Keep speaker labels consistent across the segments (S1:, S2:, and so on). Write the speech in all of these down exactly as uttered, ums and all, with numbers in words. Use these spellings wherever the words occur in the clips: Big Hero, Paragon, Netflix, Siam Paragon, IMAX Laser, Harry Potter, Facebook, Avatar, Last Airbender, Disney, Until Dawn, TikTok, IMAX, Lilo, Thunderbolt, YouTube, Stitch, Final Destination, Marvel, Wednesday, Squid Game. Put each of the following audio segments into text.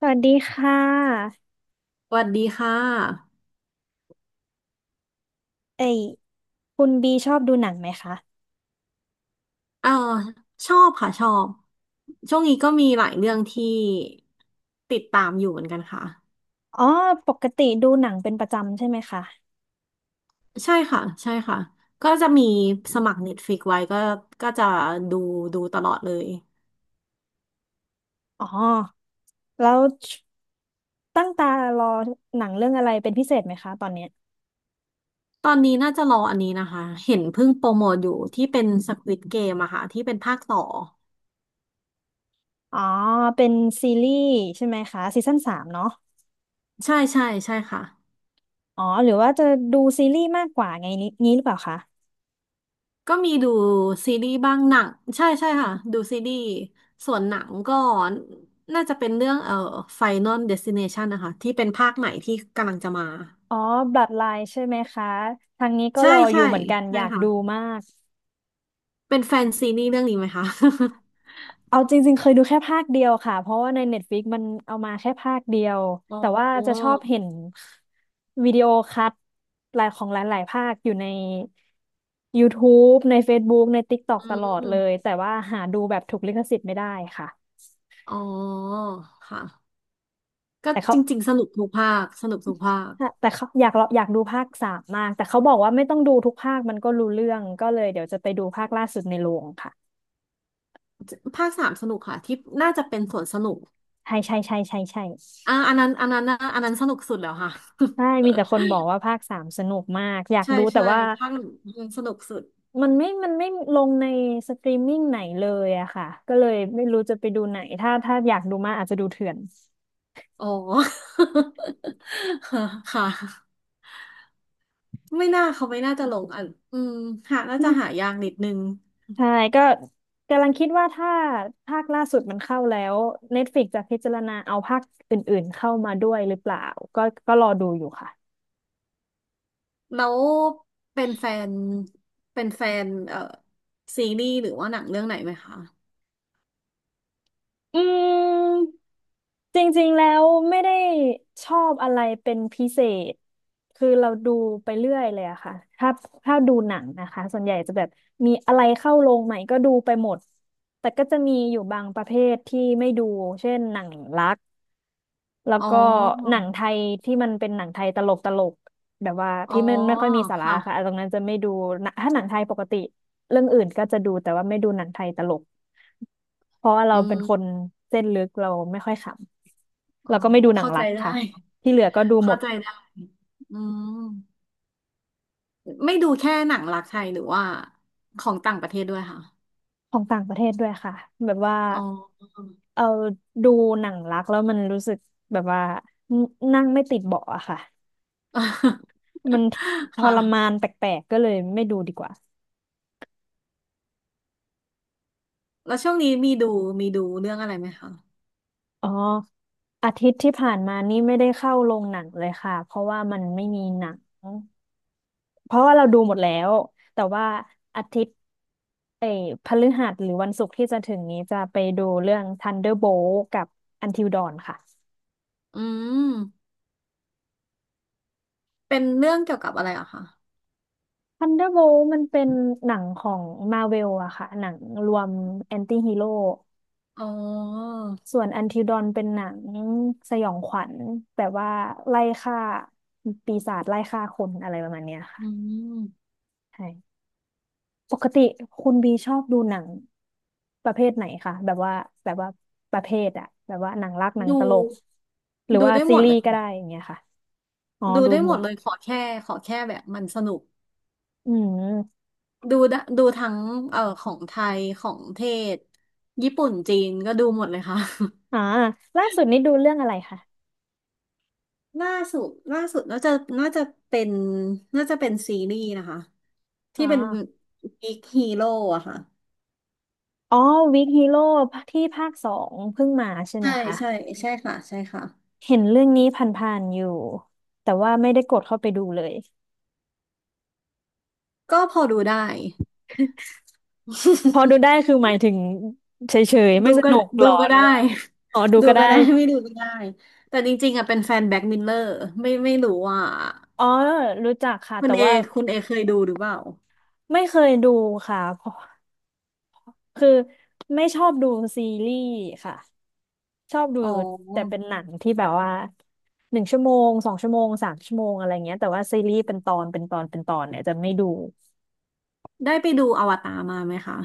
S1: สวัสดีค่ะ
S2: สวัสดีค่ะ
S1: เอ้ยคุณบีชอบดูหนังไหมคะ
S2: เออชอบค่ะชอบช่วงนี้ก็มีหลายเรื่องที่ติดตามอยู่เหมือนกันค่ะ
S1: อ๋อ ปกติดูหนังเป็นประจำใช่ไหมคะ
S2: ใช่ค่ะ ใช่ค่ะ ก็จะมีสมัคร Netflix ไว้ก็ก็จะดูดูตลอดเลย
S1: อ๋อแล้วตั้งตารอหนังเรื่องอะไรเป็นพิเศษไหมคะตอนเนี้ย
S2: ตอนนี้น่าจะรออันนี้นะคะ เห็นเพิ่งโปรโมทอยู่ที่เป็น Squid Game อะค่ะที่เป็นภาคต่อ
S1: อ๋อเป็นซีรีส์ใช่ไหมคะซีซั่นสามเนาะ
S2: ใช่ใช่ใช่ค่ะ
S1: อ๋อ หรือว่าจะดูซีรีส์มากกว่าไงนี้นี้หรือเปล่าคะ
S2: ก็มีดูซีรีส์บ้างหนังใช่ใช่ค่ะดูซีรีส์ส่วนหนังก็น่าจะเป็นเรื่องเอ่อ Final Destination นะคะที่เป็นภาคใหม่ที่กำลังจะมา
S1: อ๋อบ l o o d l i n e ใช่ไหมคะทางนี้ก็
S2: ใช่
S1: รออยู่
S2: ใช่
S1: เหมือนกันอ
S2: ใช่
S1: ยาก
S2: ค่ะ
S1: ดูมาก
S2: เป็นแฟนซีรีส์เรื่องนี้ไหมคะ
S1: เอาจริงๆเคยดูแค่ภาคเดียวค่ะเพราะว่าใน Netflix มันเอามาแค่ภาคเดียว
S2: อ๋อ
S1: แต่ว่าจะชอบเห็นวิดีโอคัทหลายของหลายๆภาคอยู่ใน YouTube ใน Facebook ใน TikTok ตอก
S2: อื
S1: ตลอดเลย
S2: ม
S1: แต่ว่าหาดูแบบถูกลิขสิทธิ์ไม่ได้ค่ะ
S2: อ๋อค่ะก็
S1: แต่เขา
S2: จริงๆสนุกทุกภาคสนุกทุกภาค
S1: แต่เขาอยากอยากดูภาคสามมากแต่เขาบอกว่าไม่ต้องดูทุกภาคมันก็รู้เรื่องก็เลยเดี๋ยวจะไปดูภาคล่าสุดในโรงค่ะ
S2: ภาคสามสนุกค่ะที่น่าจะเป็นส่วนสนุก
S1: ใช่ใช่ใช่ใช่ใช่
S2: อ่าอันนั้นอันนั้นนะอันนั้นสนุกสุดแล้วค่ะ
S1: ใช่มีแต่คนบอกว่าภาคสามสนุกมากอยา ก
S2: ใช่
S1: ดูแต่
S2: ใช่
S1: ว่า
S2: ภาคหนึ่งสนุกสุด
S1: มันไม่มันไม่ลงในสตรีมมิ่งไหนเลยอะค่ะก็เลยไม่รู้จะไปดูไหนถ้าถ้าอยากดูมากอาจจะดูเถื่อน
S2: อ๋อ ค่ะไม่น่าเขาไม่น่าจะลงอ่ะอืมหาน่าจะหายากนิดนึง
S1: ใช่ก็กำลังคิดว่าถ้าภาคล่าสุดมันเข้าแล้ว Netflix จะพิจารณาเอาภาคอื่นๆเข้ามาด้วยหรือเปล่าก็ก็รอดูอยู่ค่ะ
S2: แล้วเป็นแฟนเป็นแฟนเอ่อซีรีส์หรือว่าหนังเรื่องไหนไหมคะ
S1: อืม จริงๆ แล้วไม่ได้ชอบอะไรเป็นพิเศษคือเราดูไปเรื่อยเลยอะค่ะถ้าถ้าดูหนังนะคะส่วนใหญ่จะแบบมีอะไรเข้าโรงใหม่ก็ดูไปหมดแต่ก็จะมีอยู่บางประเภทที่ไม่ดูเช่นหนังรัก แล้ว
S2: อ๋อ
S1: ก็หนังไทยที่มันเป็นหนังไทยตลกตลกแบบว่า
S2: อ๋อ
S1: ที่ไม่ไม่ค่อยมีสาระ
S2: ค่ะ
S1: ค่ะตรงนั้นจะไม่ดูนะถ้าหนังไทยปกติเรื่องอื่นก็จะดูแต่ว่าไม่ดูหนังไทยตลกเพราะว่าเรา
S2: อื
S1: เป็
S2: ม
S1: นคนเส้นลึกเราไม่ค่อยขำ
S2: อ๋อ
S1: แล้วก็ไม่ดูหนัง
S2: เข้า
S1: รั
S2: ใจ
S1: ก
S2: ได้
S1: ค่ะที่เหลือก็ดูหม
S2: เข้า
S1: ด
S2: ใจได้อืมไม่ดูแค่หนังรักไทยหรือว่าของต่างประเทศด้วยค่ะ
S1: ของต่างประเทศด้วยค่ะแบบว่า
S2: อ๋อ
S1: เอาดูหนังรักแล้วมันรู้สึกแบบว่านั่งไม่ติดเบาะอะค่ะ มันทรมา
S2: ค่ะ
S1: นแปลกๆก็เลยไม่ดูดีกว่า
S2: แล้วช่วงนี้มีดูมีดูเรื่องอะไรไหมคะ
S1: อ๋ออาทิตย์ที่ผ่านมานี่ไม่ได้เข้าโรงหนังเลยค่ะเพราะว่ามันไม่มีหนังเพราะว่าเราดูหมดแล้วแต่ว่าอาทิตย์เอ้ยพฤหัสหรือวันศุกร์ที่จะถึงนี้จะไปดูเรื่อง Thunderbolt กับ Until Dawn ค่ะ
S2: อืม เป็นเรื่องเกี่ยวกับอะไรอะคะ
S1: Thunderbolt มันเป็นหนังของ Marvel อะค่ะหนังรวมแอนตี้ฮีโร่
S2: อ๋อ
S1: ส่วน Until Dawn เป็นหนังสยองขวัญแบบว่าไล่ฆ่าปีศาจไล่ฆ่าคนอะไรประมาณเนี้ยค่ะ
S2: อืม
S1: ใช่ ปกติคุณบีชอบดูหนังประเภทไหนคะแบบว่าแบบว่าประเภทอะแบบว่าหนังรักหนัง
S2: ดู
S1: ตลกหรือ
S2: ดู
S1: ว่า
S2: ได้ห
S1: ซี
S2: มด
S1: รี
S2: เลย
S1: ส์ก็
S2: ค่ะ
S1: ได้อย่างเงี้ยค่ะอ๋อ
S2: ดู
S1: ดู
S2: ได้ห
S1: หม
S2: มด
S1: ด
S2: เลยขอแค่ขอแค่แบบมันสนุก
S1: อืม
S2: ดูได้ดูทั้งเอ่อของไทยของเทศ ญี่ปุ่น จีน ก็ดูหมดเลยค่ะ
S1: อ่าล่าสุดนี้ดูเรื่องอะไรคะ
S2: ล่าสุดล่าสุดน่าจะน่าจะเป็นน่าจะเป็นซีรีส์นะคะ
S1: อ๋
S2: ที่
S1: อ
S2: เป็นบิ๊กฮีโร่อะค่ะ
S1: อ๋อวิกฮีโร่ที่ภาคสองเพิ่งมาใช่ไหม
S2: ใช่
S1: คะ
S2: ใช่ใช่ค่ะใช่ค่ะ
S1: เห็นเรื่องนี้ผ่านๆอยู่แต่ว่าไม่ได้กดเข้าไปดูเลย
S2: ก็พอดูได้
S1: พอดู ได้คือหมายถึงเฉยๆไม่
S2: ดู
S1: ส
S2: ก็
S1: นุกห
S2: ดู
S1: รอ
S2: ก็
S1: หรื
S2: ได้
S1: อว่าอ๋อดู
S2: ดู
S1: ก็ได้
S2: ก็ได้ ไม่ดูก็ได้แต่จริงๆอ่ะเป็นแฟนแบ็คมิลเลอร์ไม่ไม่รู้ว่า
S1: อ๋อรู้จักค่ะ
S2: คุ
S1: แต่
S2: ณเอ
S1: ว่า
S2: คุณเอเคยดูหรือเปล่า
S1: ไม่เคยดูค่ะเพราะคือไม่ชอบดูซีรีส์ค่ะ ชอบดู
S2: อ๋อ
S1: แต่เป็นหนังที่แบบว่าหนึ่งชั่วโมงสองชั่วโมงสามชั่วโมงอะไรเงี้ยแต่ว่าซีรีส์เป็นตอนเป็นตอนเป็นตอนเนี่ยจะไม่ดู
S2: ได้ไปดูอวตารมาไหมคะ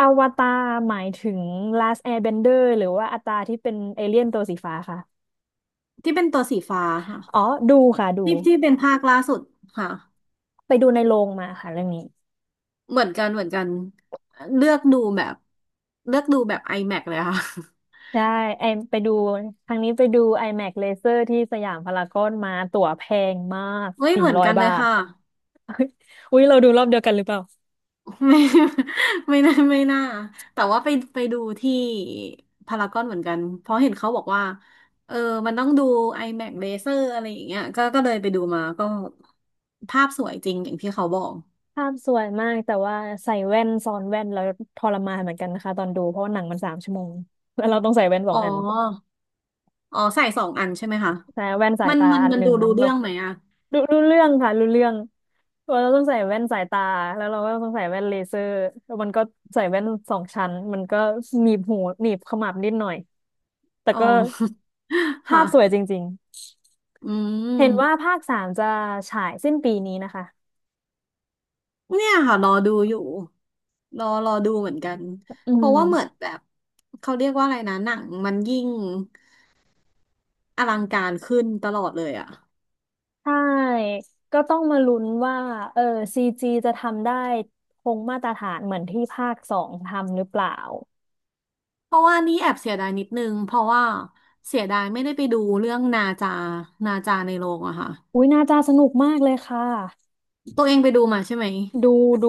S1: อวตารหมายถึง Last Airbender หรือว่าอวตารที่เป็นเอเลี่ยนตัวสีฟ้าค่ะ
S2: ที่เป็นตัวสีฟ้าค่ะ
S1: อ๋อ ดูค่ะดู
S2: ที่ที่เป็นภาคล่าสุดค่ะ
S1: ไปดูในโรงมาค่ะเรื่องนี้
S2: เหมือนกันเหมือนกันเลือกดูแบบเลือกดูแบบ IMAX เลยค่ะ
S1: ใช่ไอไปดูครั้งนี้ไปดู IMAX Laser ที่สยามพารากอนมาตั๋วแพงมาก
S2: เฮ้ย
S1: สี่
S2: เหมือน
S1: ร้อย
S2: กันเล
S1: บา
S2: ย
S1: ท
S2: ค่ะ
S1: อุ๊ยเราดูรอบเดียวกันหรือเปล่า
S2: ไม่ ไม่น่าไม่น่าแต่ว่าไปไปดูที่พารากอนเหมือนกันเพราะเห็นเขาบอกว่าเออมันต้องดู i m a c เลเซอร์อะไรอย่างเงี้ยก็ก็เลยไปดูมาก็ภาพสวยจริงอย่างที่เขาบอก
S1: ภาพสวยมากแต่ว่าใส่แว่นซ้อนแว่นแล้วทรมานเหมือนกันนะคะตอนดูเพราะว่าหนังมันสามชั่วโมงแล้วเราต้องใส่แว่นสอ
S2: อ๋อ
S1: งอัน
S2: อ๋อใส่สองอันใช่ไหมคะ
S1: แต่แว่นสาย
S2: มัน
S1: ตา
S2: มัน
S1: อัน
S2: มัน
S1: หนึ่
S2: ดู
S1: ง
S2: รู้เรื่
S1: เรา
S2: องไหมอะ
S1: ดูรู้เรื่องค่ะรู้เรื่องว่าเราต้องใส่แว่นสายตาแล้วเราก็ต้องใส่แว่นเลเซอร์แล้วมันก็ใส่แว่นสองชั้นมันก็หนีบหูหนีบขมับนิดหน่อยแต่
S2: อ๋อ
S1: ก็ ภา
S2: ค่ะ
S1: พสวยจริง
S2: อื
S1: ๆเห็นว่า
S2: ม
S1: ภาคสามจะฉายสิ้นปีนี้นะคะ
S2: เนี่ยค่ะรอดูอยู่รอรอดูเหมือนกัน
S1: อื
S2: เพราะว่าเหมือน
S1: ม
S2: แบบเขาเรียกว่าอะไรนะหนังมันยิ่ง อลังการขึ้นตลอดเลยอะ
S1: ใช่ ก็ต้องมาลุ้นว่าเออซีจีจะทำได้คงมาตรฐานเหมือนที่ภาคสองทำหรือเปล่า
S2: เพราะว่านี่แอบเสียดายนิดนึง เพราะว่าเสียดายไม่ได้ไปดูเรื่องนาจานาจาในโรงอะค่ะ
S1: อุ้ยน่าจะสนุกมากเลยค่ะ
S2: ตัวเองไปดูมาใช่ไหม
S1: ดูดู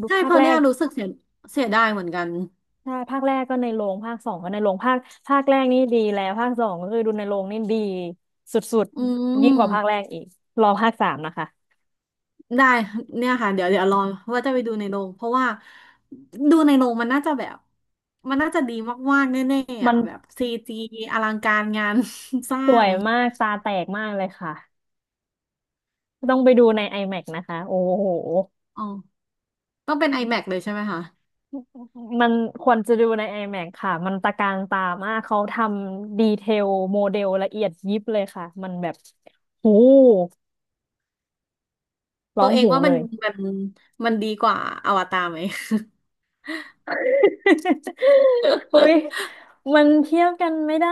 S1: ดู
S2: ใช่
S1: ภา
S2: เพ
S1: ค
S2: ราะ
S1: แร
S2: เนี่ย
S1: ก
S2: รู้สึกเสียเสียดายเหมือนกัน
S1: ใช่ภาคแรกก็ในโรงภาคสองก็ในโรงภาคภาคแรกนี่ดีแล้วภาคสองก็คือดูในโรงนี่ดีสุด
S2: อื
S1: ๆยิ่งก
S2: ม
S1: ว่าภาคแรกอีกรอภาคสามนะคะ
S2: ได้เนี่ยค่ะเดี๋ยวเดี๋ยวรอว่าจะไปดูในโรงเพราะว่าดูในโรงมันน่าจะแบบมันน่าจะดีมากๆแน่ๆ
S1: มั
S2: อ่ะ
S1: น
S2: แบบซีจีอลังการงาน สร้า
S1: สว
S2: ง
S1: ยมากตาแตกมากเลยค่ะต้องไปดูใน IMAX นะคะโอ้โห
S2: อ๋อต้องเป็น iMac เลยใช่ไหมคะ
S1: มันควรจะดูใน ไอ แม็ก ค่ะ มันตะการตามาก เขาทำดีเทลโมเดลละเอียดยิบเลยค่ะ มันแบบหูร้
S2: ตั
S1: อ
S2: ว
S1: ง
S2: เอง
S1: หู
S2: ว่า
S1: เล
S2: มัน
S1: ย
S2: มันมันดีกว่าอวตารไหม
S1: เฮ้ย มันเทียบกันไม่ได้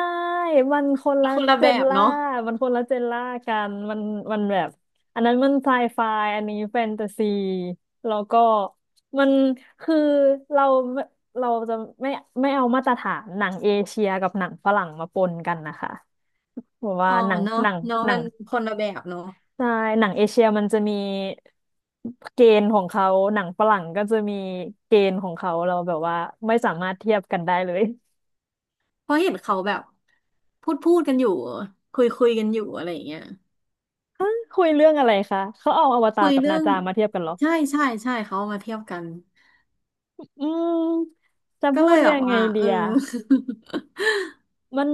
S1: มันคนละ
S2: คนละ
S1: เจ
S2: แบ
S1: น
S2: บ
S1: ล่า
S2: เนาะ
S1: มันคนละเจนล่ากันมัน มันแบบ อันนั้นมันไซไฟ อันนี้แฟนตาซี แล้วก็ มันคือเราเราจะไม่ไม่เอามาตรฐานหนังเอเชียกับหนังฝรั่งมาปนกันนะคะบอร
S2: อ๋
S1: ว่า
S2: อ
S1: หนัง
S2: เนาะ
S1: หนัง
S2: เนาะ
S1: หนั
S2: มั
S1: ง
S2: นคนละแบบเนาะ
S1: ใช่หนังเอเชียมันจะมีเกณฑ์ของเขาหนังฝรั่งก็จะมีเกณฑ์ของเขาเราแบบว่าไม่สามารถเทียบกันได้เลย
S2: เพราะเห็นเขาแบบพูดพูดกันอยู่คุยคุยกันอยู่อะไรอย่างเงี้ย
S1: ฮะคุยเรื่องอะไรคะเขาเอาอวตา
S2: คุ
S1: ร
S2: ย
S1: กับ
S2: เรื่
S1: นา
S2: อง
S1: จามาเทียบกันเหรอ
S2: ใช่ใช่ใช่เขาเอามาเทียบกัน
S1: อืมจะ
S2: ก็
S1: พู
S2: เล
S1: ด
S2: ยแบ
S1: ยั
S2: บ
S1: งไง
S2: ว่า
S1: ดี
S2: เออ
S1: อะมัน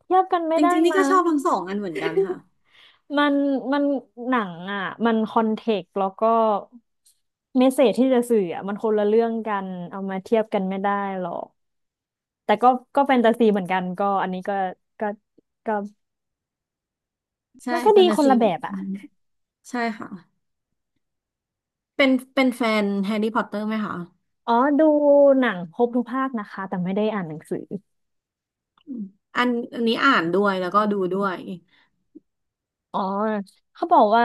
S1: เทียบกันไม่
S2: จ
S1: ได้
S2: ริงๆนี่
S1: มั้
S2: ก็ช
S1: ง
S2: อบทั้งสองอันเหมือนกันค่ะ
S1: มันมันหนังอ่ะมันคอนเทกต์แล้วก็เมสเสจที่จะสื่ออ่ะมันคนละเรื่องกันเอามาเทียบกันไม่ได้หรอก แต่ก็ก็แฟนตาซีเหมือนกันก็อันนี้ก็ก็ก็
S2: ใช่
S1: มันก็
S2: แฟ
S1: ดี
S2: นตา
S1: คน
S2: ซี
S1: ละ
S2: เห
S1: แบ
S2: มือน
S1: บ
S2: กั
S1: อ่ะ
S2: นใช่ค่ะเป็นเป็นแฟนแฮร์รี่พอตเตอร์ไหมคะ
S1: อ๋อดูหนังครบทุกภาคนะคะแต่ไม่ได้อ่านหนังสือ
S2: อันอันนี้อ่านด้วยแล้วก็ดูด้วย
S1: อ๋อเขาบอกว่า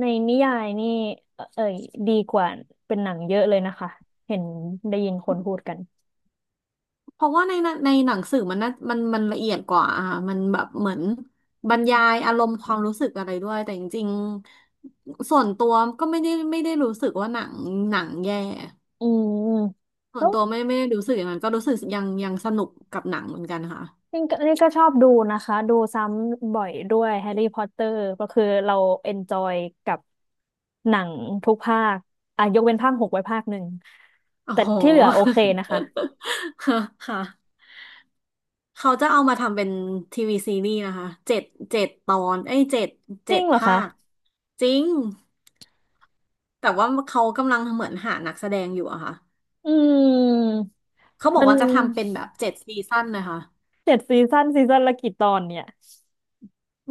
S1: ในนิยายนี่เอ่อเอ่ยดีกว่าเป็นหนังเยอะเลยนะคะเห็นได้ยินคนพูดกัน
S2: เพราะว่าในหนังในหนังสือมันน่ามันมันละเอียดกว่าอ่ะมันแบบเหมือนบรรยายอารมณ์ความรู้สึกอะไรด้วยแต่จริงๆส่วนตัวก็ไม่ได้ไม่ได้รู้สึกว่าหนังหนังแย่
S1: อืม
S2: ส่วนตัวไม่ไม่ได้รู้สึกอย่างนั้นก็รู้สึกยังยังสนุกกับหนังเหมือนกันค่ะ
S1: นี่ก็นี่ก็ชอบดูนะคะดูซ้ำบ่อยด้วยแฮร์รี่พอตเตอร์ก็คือเราเอนจอยกับหนังทุกภาคอ่ะยกเว้นภาคหกไว้ภาคหนึ่ง
S2: โอ้
S1: แต่
S2: โห
S1: ที่เหลือโอเคนะคะ
S2: ค่ะเขาจะเอามาทำเป็นทีวีซีรีส์นะคะเจ็ดเจ็ดตอนเอ้ยเจ็ด
S1: จ
S2: เจ็
S1: ริ
S2: ด
S1: งเหรอ
S2: ภา
S1: คะ
S2: คจริงแต่ว่าเขากำลังเหมือนหานักแสดงอยู่อะค่ะ
S1: อืม
S2: เขาบอ
S1: มั
S2: ก
S1: น
S2: ว่าจะทำเป็นแบบเจ็ดซีซั่นนะคะ
S1: เจ็ดซีซั่นซีซั่นละกี่ตอนเนี่ย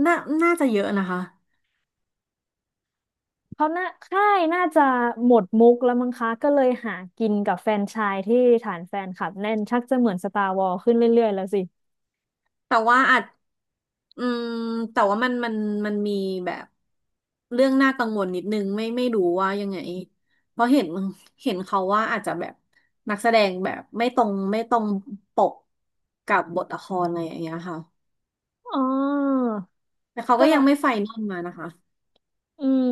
S2: น่าน่าจะเยอะนะคะ
S1: เขาน่าค่ายน่าจะหมดมุกแล้วมั้งคะก็เลยหากินกับแฟรนไชายที่ฐานแฟนคลับแน่นชักจะเหมือนสตาร์วอ s ขึ้นเรื่อยๆแล้วสิ
S2: แต่ว่าอาจอืมแต่ว่ามันมันมันมีแบบเรื่องน่ากังวลนิดนึงไม่ไม่รู้ว่ายังไงเพราะเห็นเห็นเขาว่าอาจจะแบบนักแสดงแบบไม่ตรงไม่ตรงปกกับบทละครอะไรอย่างเงี้ยค่ะ
S1: อ๋อ
S2: แต่เขาก็
S1: ก็
S2: ยังไม่ไฟนอลมานะคะ
S1: อืม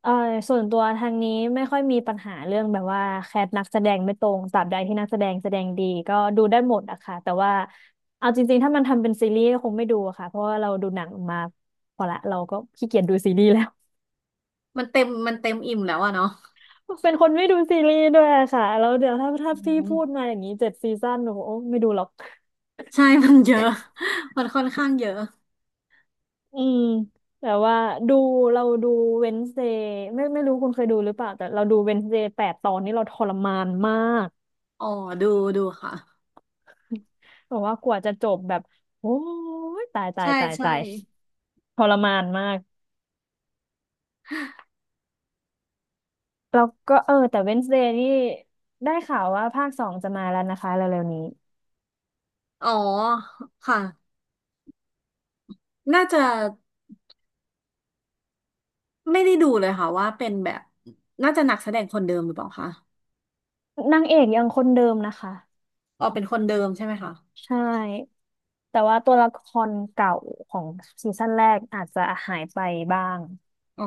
S1: เอ่อส่วนตัวทางนี้ไม่ค่อยมีปัญหาเรื่องแบบว่าแคสนักแสดงไม่ตรงตราบใดที่นักแสดงแสดงดีก็ดูได้หมดอะค่ะแต่ว่าเอาจริงๆถ้ามันทำเป็นซีรีส์ก็คงไม่ดูอะค่ะเพราะว่าเราดูหนังมาพอละเราก็ขี้เกียจดูซีรีส์แล้ว
S2: มันเต็มมันเต็มอิ่มแล้วอะเนาะ
S1: เป็นคนไม่ดูซีรีส์ด้วยอะค่ะแล้วเดี๋ยวถ้าถ้า
S2: อื
S1: พี่พู
S2: ม
S1: ดมาอย่างนี้เจ็ดซีซั่นหนูโอ้ไม่ดูหรอก
S2: ใช่มันเยอะมันค่อนข้างเยอะ
S1: อืมแต่ว่าดูเราดูเวน e เ d ย์ไม่ไม่รู้คุณเคยดูหรือเปล่าแต่เราดูเวน e เ d ย์แปดตอนนี้เราทรมานมาก
S2: อ๋อดูดูค่ะ
S1: บอกว่ากว่าจะจบแบบโอ้ยตายตาย
S2: ใช่
S1: ตาย
S2: ใช่
S1: ตายทรมานมากแล้วก็เออแต่ เวนส์เดย์ นี่ได้ข่าวว่าภาคสองจะมาแล้วนะคะเร็วๆนี้
S2: อ๋อค่ะน่าจะไม่ได้ดูเลยค่ะว่าเป็นแบบน่าจะนักแสดงคนเดิมหรือเปล่าคะ
S1: นางเอกยังคนเดิมนะคะ
S2: อ๋อเป็นคนเดิมใช่ไหมคะ
S1: ใช่แต่ว่าตัวละครเก่าของซีซั่นแรกอาจจะหายไปบ้าง
S2: อ๋อ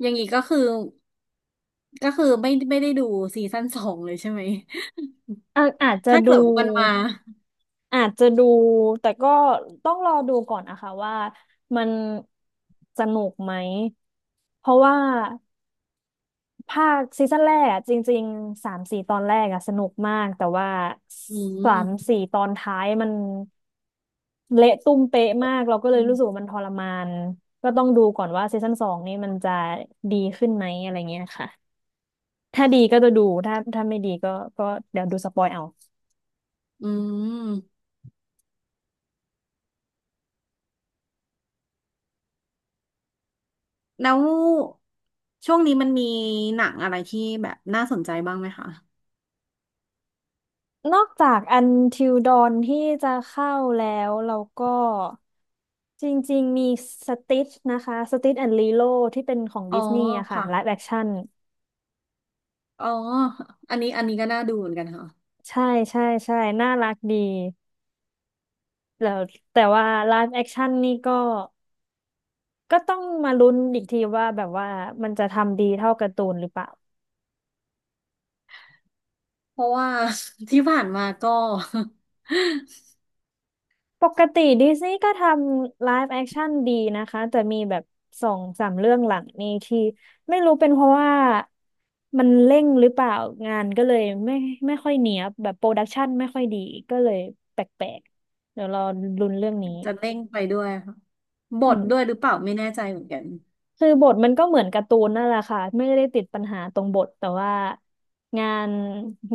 S2: อย่างนี้ก็คือก็คือไม่ไม่ได้ดูซีซั่นสองเลยใช่ไหม
S1: อาอาจ จะ
S2: ถ้าเกิ
S1: ดู
S2: ดว่ามันมา
S1: อาจจะดูแต่ก็ต้องรอดูก่อนนะคะว่ามันสนุกไหมเพราะว่า ภาคซีซั่นแรกอะจริงๆสามสี่ตอนแรกอะสนุกมากแต่ว่า
S2: อื
S1: สาม
S2: ม
S1: สี่ตอนท้ายมันเละตุ้มเป๊ะมากเราก็เลย
S2: อื
S1: รู้สึกว่า
S2: ม
S1: มันทรมานก็ต้องดูก่อนว่าซีซั่นสองนี่มันจะดีขึ้นไหมอะไรเงี้ยค่ะถ้าดีก็จะดูถ้าถ้าไม่ดีก็ก็เดี๋ยวดูสปอยเอา
S2: อืมแล้วช่วงนี้มันมีหนังอะไรที่แบบน่าสนใจบ้างไหมคะ
S1: นอกจาก อันทิล ดอว์น ที่จะเข้าแล้วเราก็จริงๆมี Stitch นะคะ สติช แอนด์ ลีโล ที่เป็นของ
S2: อ๋อ
S1: ดิสนีย์อะค่ะ
S2: ค่ะ
S1: ไลฟ์แอคชั่น
S2: อ๋ออันนี้อันนี้ก็น่าดูเหมือนกันค่ะ
S1: ใช่ใช่ใช่น่ารักดีแล้วแต่ว่าไลฟ์แอคชั่นนี่ก็ก็ต้องมาลุ้นอีกทีว่าแบบว่ามันจะทำดีเท่าการ์ตูนหรือเปล่า
S2: เพราะว่า ที่ผ่านมาก็
S1: ปกติดิสนีย์ก็ทำไลฟ์แอคชั่นดีนะคะแต่มีแบบสองสามเรื่องหลังนี่ที่ไม่รู้เป็นเพราะว่ามันเร่งหรือเปล่างานก็เลยไม่ไม่ค่อยเนียบแบบโปรดักชันไม่ค่อยดีก็เลยแปลกๆเดี๋ยวรอลุ้นเรื่องนี้
S2: จะเร่งไปด้วยค่ะบ
S1: อื
S2: ทด้วยหรื
S1: ม
S2: อเปล่าไม่แน่ใจเหมือนกัน
S1: คือบทมันก็เหมือนการ์ตูนนั่นแหละค่ะไม่ได้ติดปัญหาตรงบทแต่ว่างาน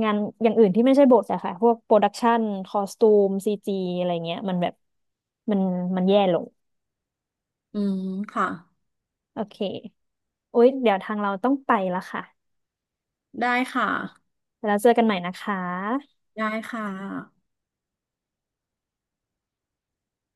S1: งานอย่างอื่นที่ไม่ใช่บทอะค่ะพวกโปรดักชันคอสตูมซีจีอะไรเงี้ยมันแบบมันมันแย่ลง
S2: อืมค่ะ
S1: โอเคโอ๊ยเดี๋ยวทางเราต้องไปละค่ะ
S2: ได้ค่ะ
S1: แล้วเจอกันใหม่นะคะ
S2: ได้ค่ะ